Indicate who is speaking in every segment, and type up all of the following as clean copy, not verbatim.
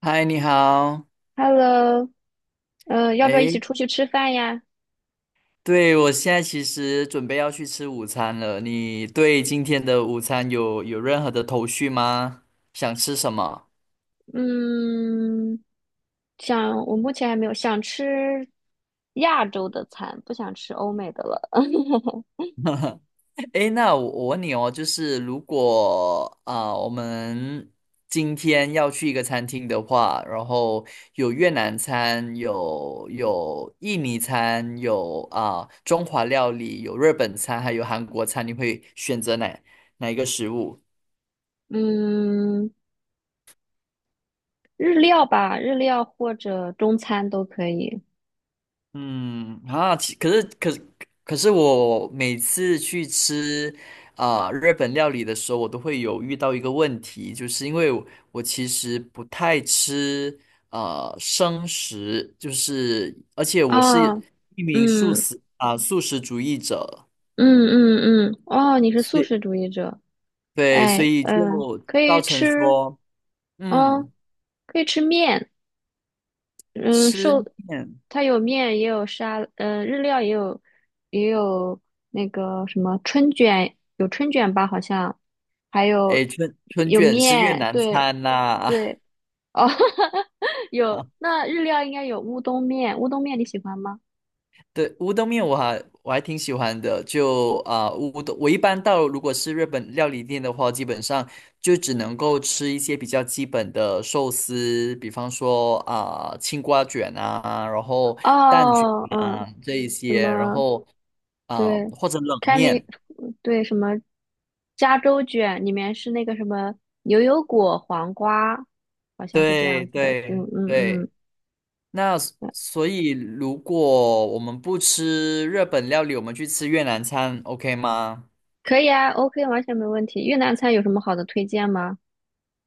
Speaker 1: 嗨，你好。
Speaker 2: Hello，要不要一起
Speaker 1: 诶，
Speaker 2: 出去吃饭呀？
Speaker 1: 对，我现在其实准备要去吃午餐了。你对今天的午餐有任何的头绪吗？想吃什么？
Speaker 2: 嗯，我目前还没有想吃亚洲的餐，不想吃欧美的了。
Speaker 1: 诶，那我问你哦，就是如果我们今天要去一个餐厅的话，然后有越南餐，有印尼餐，有中华料理，有日本餐，还有韩国餐，你会选择哪一个食物？
Speaker 2: 嗯，日料吧，日料或者中餐都可以。
Speaker 1: 嗯啊，其可是可是可是我每次去吃日本料理的时候，我都会有遇到一个问题，就是因为我，我其实不太吃生食，就是而且我是
Speaker 2: 啊，
Speaker 1: 一名
Speaker 2: 嗯
Speaker 1: 素食主义者，
Speaker 2: 嗯嗯嗯，哦，你是
Speaker 1: 所
Speaker 2: 素
Speaker 1: 以
Speaker 2: 食主义者，
Speaker 1: 对，所
Speaker 2: 哎，
Speaker 1: 以
Speaker 2: 嗯，
Speaker 1: 就
Speaker 2: 可
Speaker 1: 造
Speaker 2: 以
Speaker 1: 成
Speaker 2: 吃，
Speaker 1: 说。
Speaker 2: 嗯，
Speaker 1: 嗯，
Speaker 2: 可以吃面。嗯，
Speaker 1: 吃
Speaker 2: 寿，
Speaker 1: 面，
Speaker 2: 它有面，也有沙，嗯，日料也有，也有那个什么春卷，有春卷吧，好像，还有
Speaker 1: 诶，春春
Speaker 2: 有
Speaker 1: 卷是越
Speaker 2: 面，
Speaker 1: 南
Speaker 2: 对
Speaker 1: 餐呐、
Speaker 2: 对，哦，有，那日料应该有乌冬面，乌冬面你喜欢吗？
Speaker 1: 对，乌冬面我还挺喜欢的，就乌冬，我一般到如果是日本料理店的话，基本上就只能够吃一些比较基本的寿司，比方说青瓜卷啊，然后蛋卷
Speaker 2: 哦，嗯，
Speaker 1: 啊这一
Speaker 2: 什
Speaker 1: 些，然
Speaker 2: 么，
Speaker 1: 后
Speaker 2: 对，
Speaker 1: 或者冷
Speaker 2: 看你，
Speaker 1: 面，
Speaker 2: 对，什么加州卷，里面是那个什么牛油果、黄瓜，好像是这
Speaker 1: 对
Speaker 2: 样子的，嗯
Speaker 1: 对
Speaker 2: 嗯嗯。
Speaker 1: 对，那所以如果我们不吃日本料理，我们去吃越南餐，OK 吗？
Speaker 2: 可以啊，OK，完全没问题。越南菜有什么好的推荐吗？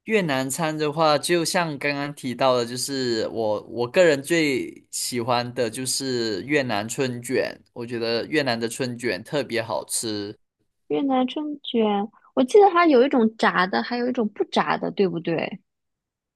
Speaker 1: 越南餐的话，就像刚刚提到的，就是我个人最喜欢的就是越南春卷，我觉得越南的春卷特别好吃。
Speaker 2: 越南春卷，我记得它有一种炸的，还有一种不炸的，对不对？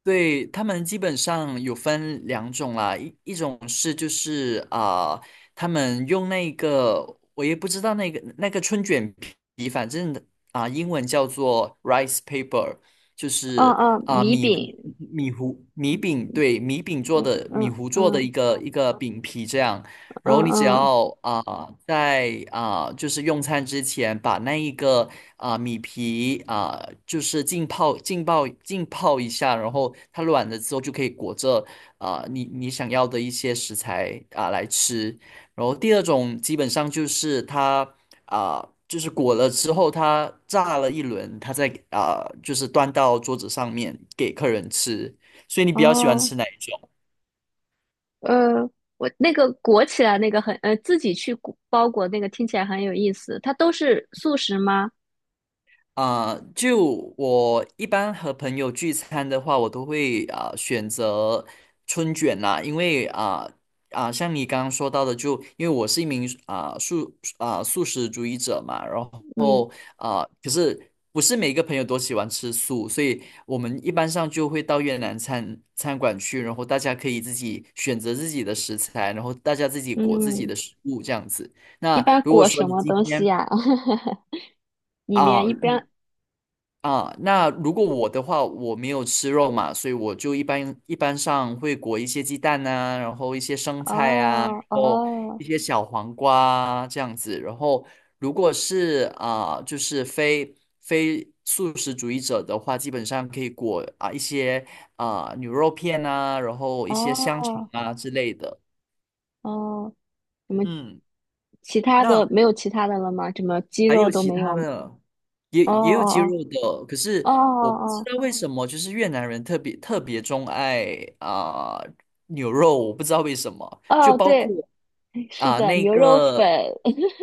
Speaker 1: 对，他们基本上有分两种啦，一种是就是他们用那个我也不知道那个春卷皮，反正英文叫做 rice paper,就
Speaker 2: 嗯
Speaker 1: 是
Speaker 2: 嗯，米
Speaker 1: 米糊
Speaker 2: 饼，
Speaker 1: 米糊米饼，对，米饼做
Speaker 2: 嗯
Speaker 1: 的米
Speaker 2: 嗯
Speaker 1: 糊做的一
Speaker 2: 嗯
Speaker 1: 个一个饼皮这样。
Speaker 2: 嗯
Speaker 1: 然后你只
Speaker 2: 嗯，
Speaker 1: 要在就是用餐之前把那一个米皮,就是浸泡一下，然后它软了之后就可以裹着你想要的一些食材啊、来吃。然后第二种基本上就是它啊、就是裹了之后它炸了一轮，它再就是端到桌子上面给客人吃。所以你比较喜欢
Speaker 2: 哦，
Speaker 1: 吃哪一种？
Speaker 2: 呃，我那个裹起来那个很，自己去包裹那个听起来很有意思。它都是素食吗？
Speaker 1: 就我一般和朋友聚餐的话，我都会选择春卷啦，因为像你刚刚说到的就，因为我是一名素食主义者嘛，然后
Speaker 2: 嗯
Speaker 1: 可是不是每一个朋友都喜欢吃素，所以我们一般上就会到越南餐餐馆去，然后大家可以自己选择自己的食材，然后大家自己裹自己
Speaker 2: 嗯，
Speaker 1: 的食物这样子。
Speaker 2: 一
Speaker 1: 那
Speaker 2: 般
Speaker 1: 如果
Speaker 2: 裹
Speaker 1: 说
Speaker 2: 什
Speaker 1: 你
Speaker 2: 么
Speaker 1: 今
Speaker 2: 东西
Speaker 1: 天
Speaker 2: 呀、里面
Speaker 1: 啊，
Speaker 2: 一般，
Speaker 1: 啊，那如果我的话，我没有吃肉嘛，所以我就一般上会裹一些鸡蛋啊，然后一些生菜啊，然
Speaker 2: 哦
Speaker 1: 后
Speaker 2: 哦
Speaker 1: 一些小黄瓜啊这样子。然后如果是啊，就是非素食主义者的话，基本上可以裹啊一些啊牛肉片啊，然后一些香肠
Speaker 2: 哦
Speaker 1: 啊之类的。
Speaker 2: 哦。什么？
Speaker 1: 嗯，
Speaker 2: 其他的
Speaker 1: 那
Speaker 2: 没有其他的了吗？什么鸡
Speaker 1: 还
Speaker 2: 肉
Speaker 1: 有
Speaker 2: 都
Speaker 1: 其
Speaker 2: 没
Speaker 1: 他
Speaker 2: 有？
Speaker 1: 的，也
Speaker 2: 哦
Speaker 1: 也有鸡肉
Speaker 2: 哦
Speaker 1: 的，可
Speaker 2: 哦
Speaker 1: 是
Speaker 2: 哦
Speaker 1: 我不知
Speaker 2: 哦
Speaker 1: 道为什么，就是越南人特别特别钟爱啊、牛肉，我不知道为什么，
Speaker 2: 哦，
Speaker 1: 就
Speaker 2: 哦！
Speaker 1: 包括
Speaker 2: 对，是的，
Speaker 1: 那
Speaker 2: 牛肉粉，
Speaker 1: 个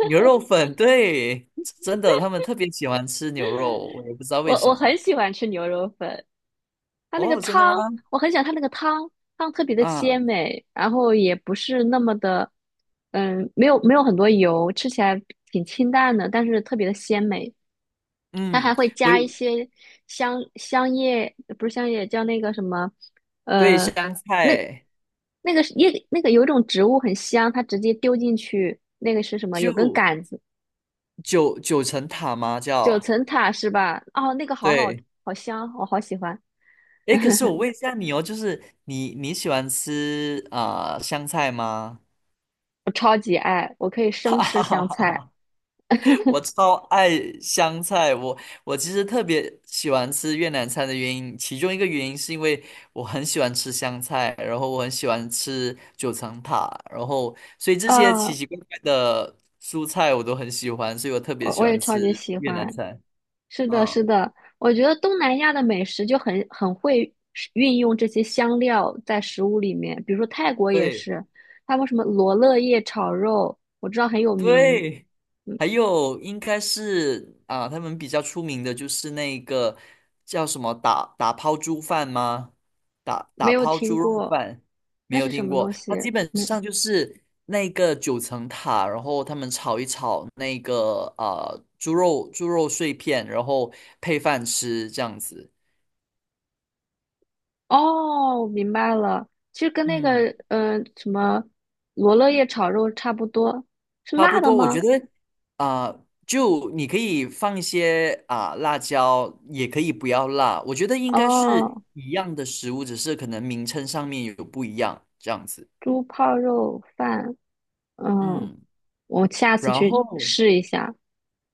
Speaker 1: 牛肉粉，对，真的他们特别喜欢吃牛肉，我也不知道
Speaker 2: 我
Speaker 1: 为什
Speaker 2: 我很
Speaker 1: 么。
Speaker 2: 喜欢吃牛肉粉，它那个
Speaker 1: 哦，真的吗？
Speaker 2: 汤，我很喜欢它那个汤，汤特别的鲜
Speaker 1: 啊，
Speaker 2: 美，然后也不是那么的，没有很多油，吃起来挺清淡的，但是特别的鲜美。它还
Speaker 1: 嗯，
Speaker 2: 会
Speaker 1: 我
Speaker 2: 加一些香叶，不是香叶，叫那个什么，
Speaker 1: 对
Speaker 2: 呃，
Speaker 1: 香
Speaker 2: 那
Speaker 1: 菜
Speaker 2: 那个是叶，那个有一种植物很香，它直接丢进去，那个是什么？有根
Speaker 1: 就
Speaker 2: 杆子，
Speaker 1: 九层塔吗？
Speaker 2: 九
Speaker 1: 叫
Speaker 2: 层塔是吧？哦，那个好好
Speaker 1: 对。
Speaker 2: 好香，我好喜欢，
Speaker 1: 诶，可是我 问一下你哦，就是你喜欢吃啊、香菜吗？
Speaker 2: 我可以 生
Speaker 1: 哈
Speaker 2: 吃
Speaker 1: 哈哈
Speaker 2: 香菜
Speaker 1: 哈，我超爱香菜，我我其实特别喜欢吃越南菜的原因，其中一个原因是因为我很喜欢吃香菜，然后我很喜欢吃九层塔，然后所以这些奇
Speaker 2: 啊，
Speaker 1: 奇怪怪的蔬菜我都很喜欢，所以我特别
Speaker 2: 我
Speaker 1: 喜
Speaker 2: 我也
Speaker 1: 欢
Speaker 2: 超级
Speaker 1: 吃
Speaker 2: 喜
Speaker 1: 越南
Speaker 2: 欢。
Speaker 1: 菜。
Speaker 2: 是的，是
Speaker 1: 嗯，
Speaker 2: 的，我觉得东南亚的美食就很会运用这些香料在食物里面，比如说泰国也
Speaker 1: 对
Speaker 2: 是，他们什么罗勒叶炒肉，我知道很有名，
Speaker 1: 对。还有应该是啊，他们比较出名的就是那个叫什么打抛猪饭吗？打
Speaker 2: 没
Speaker 1: 打
Speaker 2: 有
Speaker 1: 抛
Speaker 2: 听
Speaker 1: 猪肉
Speaker 2: 过，
Speaker 1: 饭没
Speaker 2: 那
Speaker 1: 有
Speaker 2: 是什
Speaker 1: 听
Speaker 2: 么
Speaker 1: 过，
Speaker 2: 东西？
Speaker 1: 它基本
Speaker 2: 没，
Speaker 1: 上就是那个九层塔，然后他们炒一炒那个猪肉碎片，然后配饭吃这样子。
Speaker 2: 哦，我明白了，其实跟那
Speaker 1: 嗯。
Speaker 2: 个什么罗勒叶炒肉差不多，是
Speaker 1: 差不
Speaker 2: 辣的
Speaker 1: 多，我觉
Speaker 2: 吗？
Speaker 1: 得啊、就你可以放一些辣椒，也可以不要辣。我觉得应该是
Speaker 2: 哦，
Speaker 1: 一样的食物，只是可能名称上面有不一样这样子。
Speaker 2: 猪泡肉饭，嗯，
Speaker 1: 嗯，
Speaker 2: 我下次
Speaker 1: 然后
Speaker 2: 去试一下，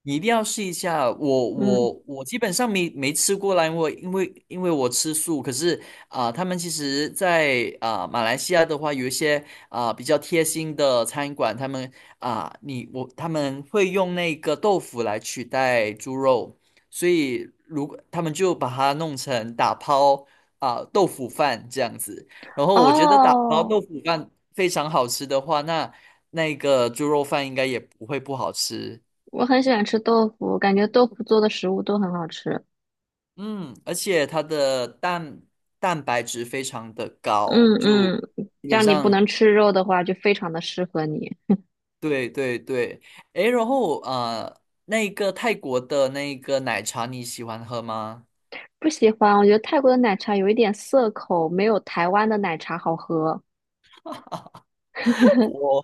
Speaker 1: 你一定要试一下。我
Speaker 2: 嗯，
Speaker 1: 我我基本上没吃过啦，因为我吃素。可是他们其实在，啊马来西亚的话，有一些比较贴心的餐馆，他们他们会用那个豆腐来取代猪肉，所以如果他们就把它弄成打抛豆腐饭这样子。然后我觉得打包
Speaker 2: 哦。
Speaker 1: 豆腐饭非常好吃的话，那那个猪肉饭应该也不会不好吃。
Speaker 2: 我很喜欢吃豆腐，感觉豆腐做的食物都很好吃。
Speaker 1: 嗯，而且它的蛋白质非常的高，
Speaker 2: 嗯
Speaker 1: 就
Speaker 2: 嗯，
Speaker 1: 基
Speaker 2: 这
Speaker 1: 本
Speaker 2: 样你不
Speaker 1: 上
Speaker 2: 能吃肉的话，就非常的适合你。
Speaker 1: 对对对。诶，然后那个泰国的那个奶茶你喜欢喝吗？
Speaker 2: 不喜欢，我觉得泰国的奶茶有一点涩口，没有台湾的奶茶好喝。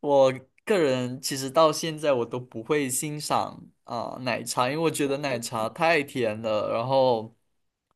Speaker 1: 我个人其实到现在我都不会欣赏奶茶，因为我觉得奶茶太甜了。然后，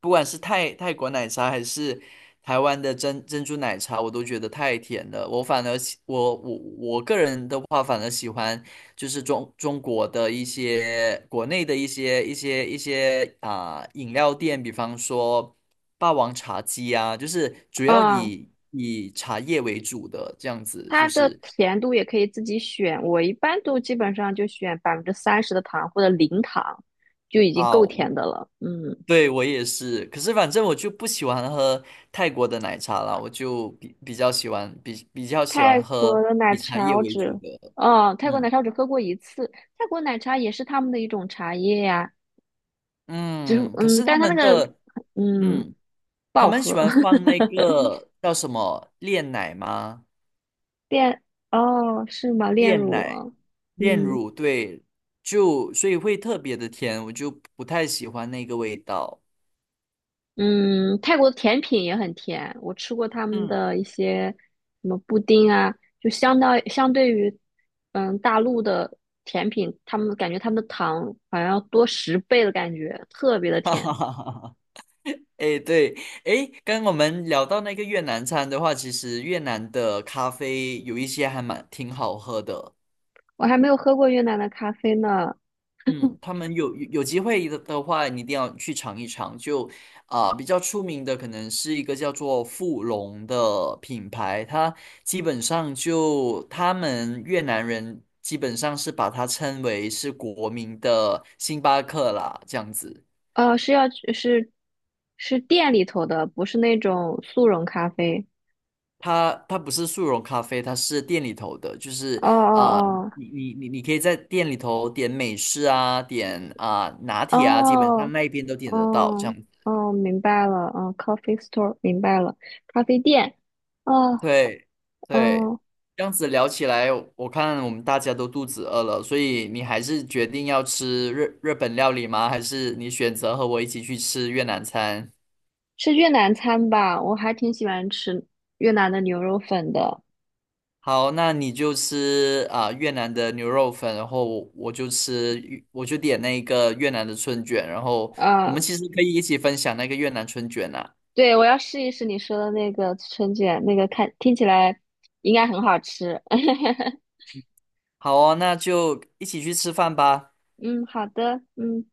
Speaker 1: 不管是泰国奶茶还是台湾的珍珠奶茶，我都觉得太甜了。我个人的话，反而喜欢就是中国的一些国内的一些饮料店，比方说霸王茶姬啊，就是主要
Speaker 2: 嗯，
Speaker 1: 以茶叶为主的这样子，
Speaker 2: 它
Speaker 1: 就
Speaker 2: 的
Speaker 1: 是。
Speaker 2: 甜度也可以自己选，我一般都基本上就选30%的糖或者零糖，就已经
Speaker 1: 啊，
Speaker 2: 够
Speaker 1: 我
Speaker 2: 甜的了。嗯，
Speaker 1: 对，我也是。可是反正我就不喜欢喝泰国的奶茶啦，我就比比较喜欢比比较喜
Speaker 2: 泰
Speaker 1: 欢
Speaker 2: 国
Speaker 1: 喝
Speaker 2: 的奶
Speaker 1: 以茶
Speaker 2: 茶
Speaker 1: 叶
Speaker 2: 我
Speaker 1: 为主
Speaker 2: 只，
Speaker 1: 的。
Speaker 2: 哦，泰国奶
Speaker 1: 嗯
Speaker 2: 茶我只喝过一次。泰国奶茶也是他们的一种茶叶呀、只是
Speaker 1: 嗯，可
Speaker 2: 嗯，
Speaker 1: 是
Speaker 2: 但
Speaker 1: 他
Speaker 2: 是它那
Speaker 1: 们
Speaker 2: 个
Speaker 1: 的
Speaker 2: 嗯
Speaker 1: 嗯，
Speaker 2: 不
Speaker 1: 他
Speaker 2: 好
Speaker 1: 们喜
Speaker 2: 喝，
Speaker 1: 欢放那 个叫什么炼奶吗？
Speaker 2: 炼哦是吗？炼
Speaker 1: 炼
Speaker 2: 乳
Speaker 1: 奶、
Speaker 2: 啊，
Speaker 1: 炼
Speaker 2: 嗯
Speaker 1: 乳，对，就所以会特别的甜，我就不太喜欢那个味道。
Speaker 2: 嗯，泰国的甜品也很甜，我吃过他们
Speaker 1: 嗯，
Speaker 2: 的一些什么布丁啊，就相对于大陆的甜品，他们感觉他们的糖好像要多10倍的感觉，特别的甜。
Speaker 1: 哎，对，哎，刚刚我们聊到那个越南餐的话，其实越南的咖啡有一些还蛮挺好喝的。
Speaker 2: 我还没有喝过越南的咖啡呢，
Speaker 1: 嗯，他们有机会的的话，你一定要去尝一尝。就比较出名的可能是一个叫做富隆的品牌，它基本上就他们越南人基本上是把它称为是国民的星巴克啦，这样子。
Speaker 2: 是要去，是是店里头的，不是那种速溶咖啡。
Speaker 1: 它不是速溶咖啡，它是店里头的，就是
Speaker 2: 哦哦哦
Speaker 1: 你可以在店里头点美式啊，点拿铁啊，基本上
Speaker 2: 哦，
Speaker 1: 那一边都点得到，这样
Speaker 2: 嗯，
Speaker 1: 子。
Speaker 2: 哦，明白了，嗯，coffee store，明白了，咖啡店，哦，
Speaker 1: 对对，
Speaker 2: 嗯，
Speaker 1: 这样子聊起来，我看我们大家都肚子饿了，所以你还是决定要吃日本料理吗？还是你选择和我一起去吃越南餐？
Speaker 2: 是越南餐吧？我还挺喜欢吃越南的牛肉粉的，
Speaker 1: 好，那你就吃越南的牛肉粉，然后我就点那个越南的春卷，然后我
Speaker 2: 啊，
Speaker 1: 们其实可以一起分享那个越南春卷啊。
Speaker 2: 对，我要试一试你说的那个春卷，那个听起来应该很好吃，
Speaker 1: 好哦，那就一起去吃饭吧。
Speaker 2: 嗯，好的，嗯。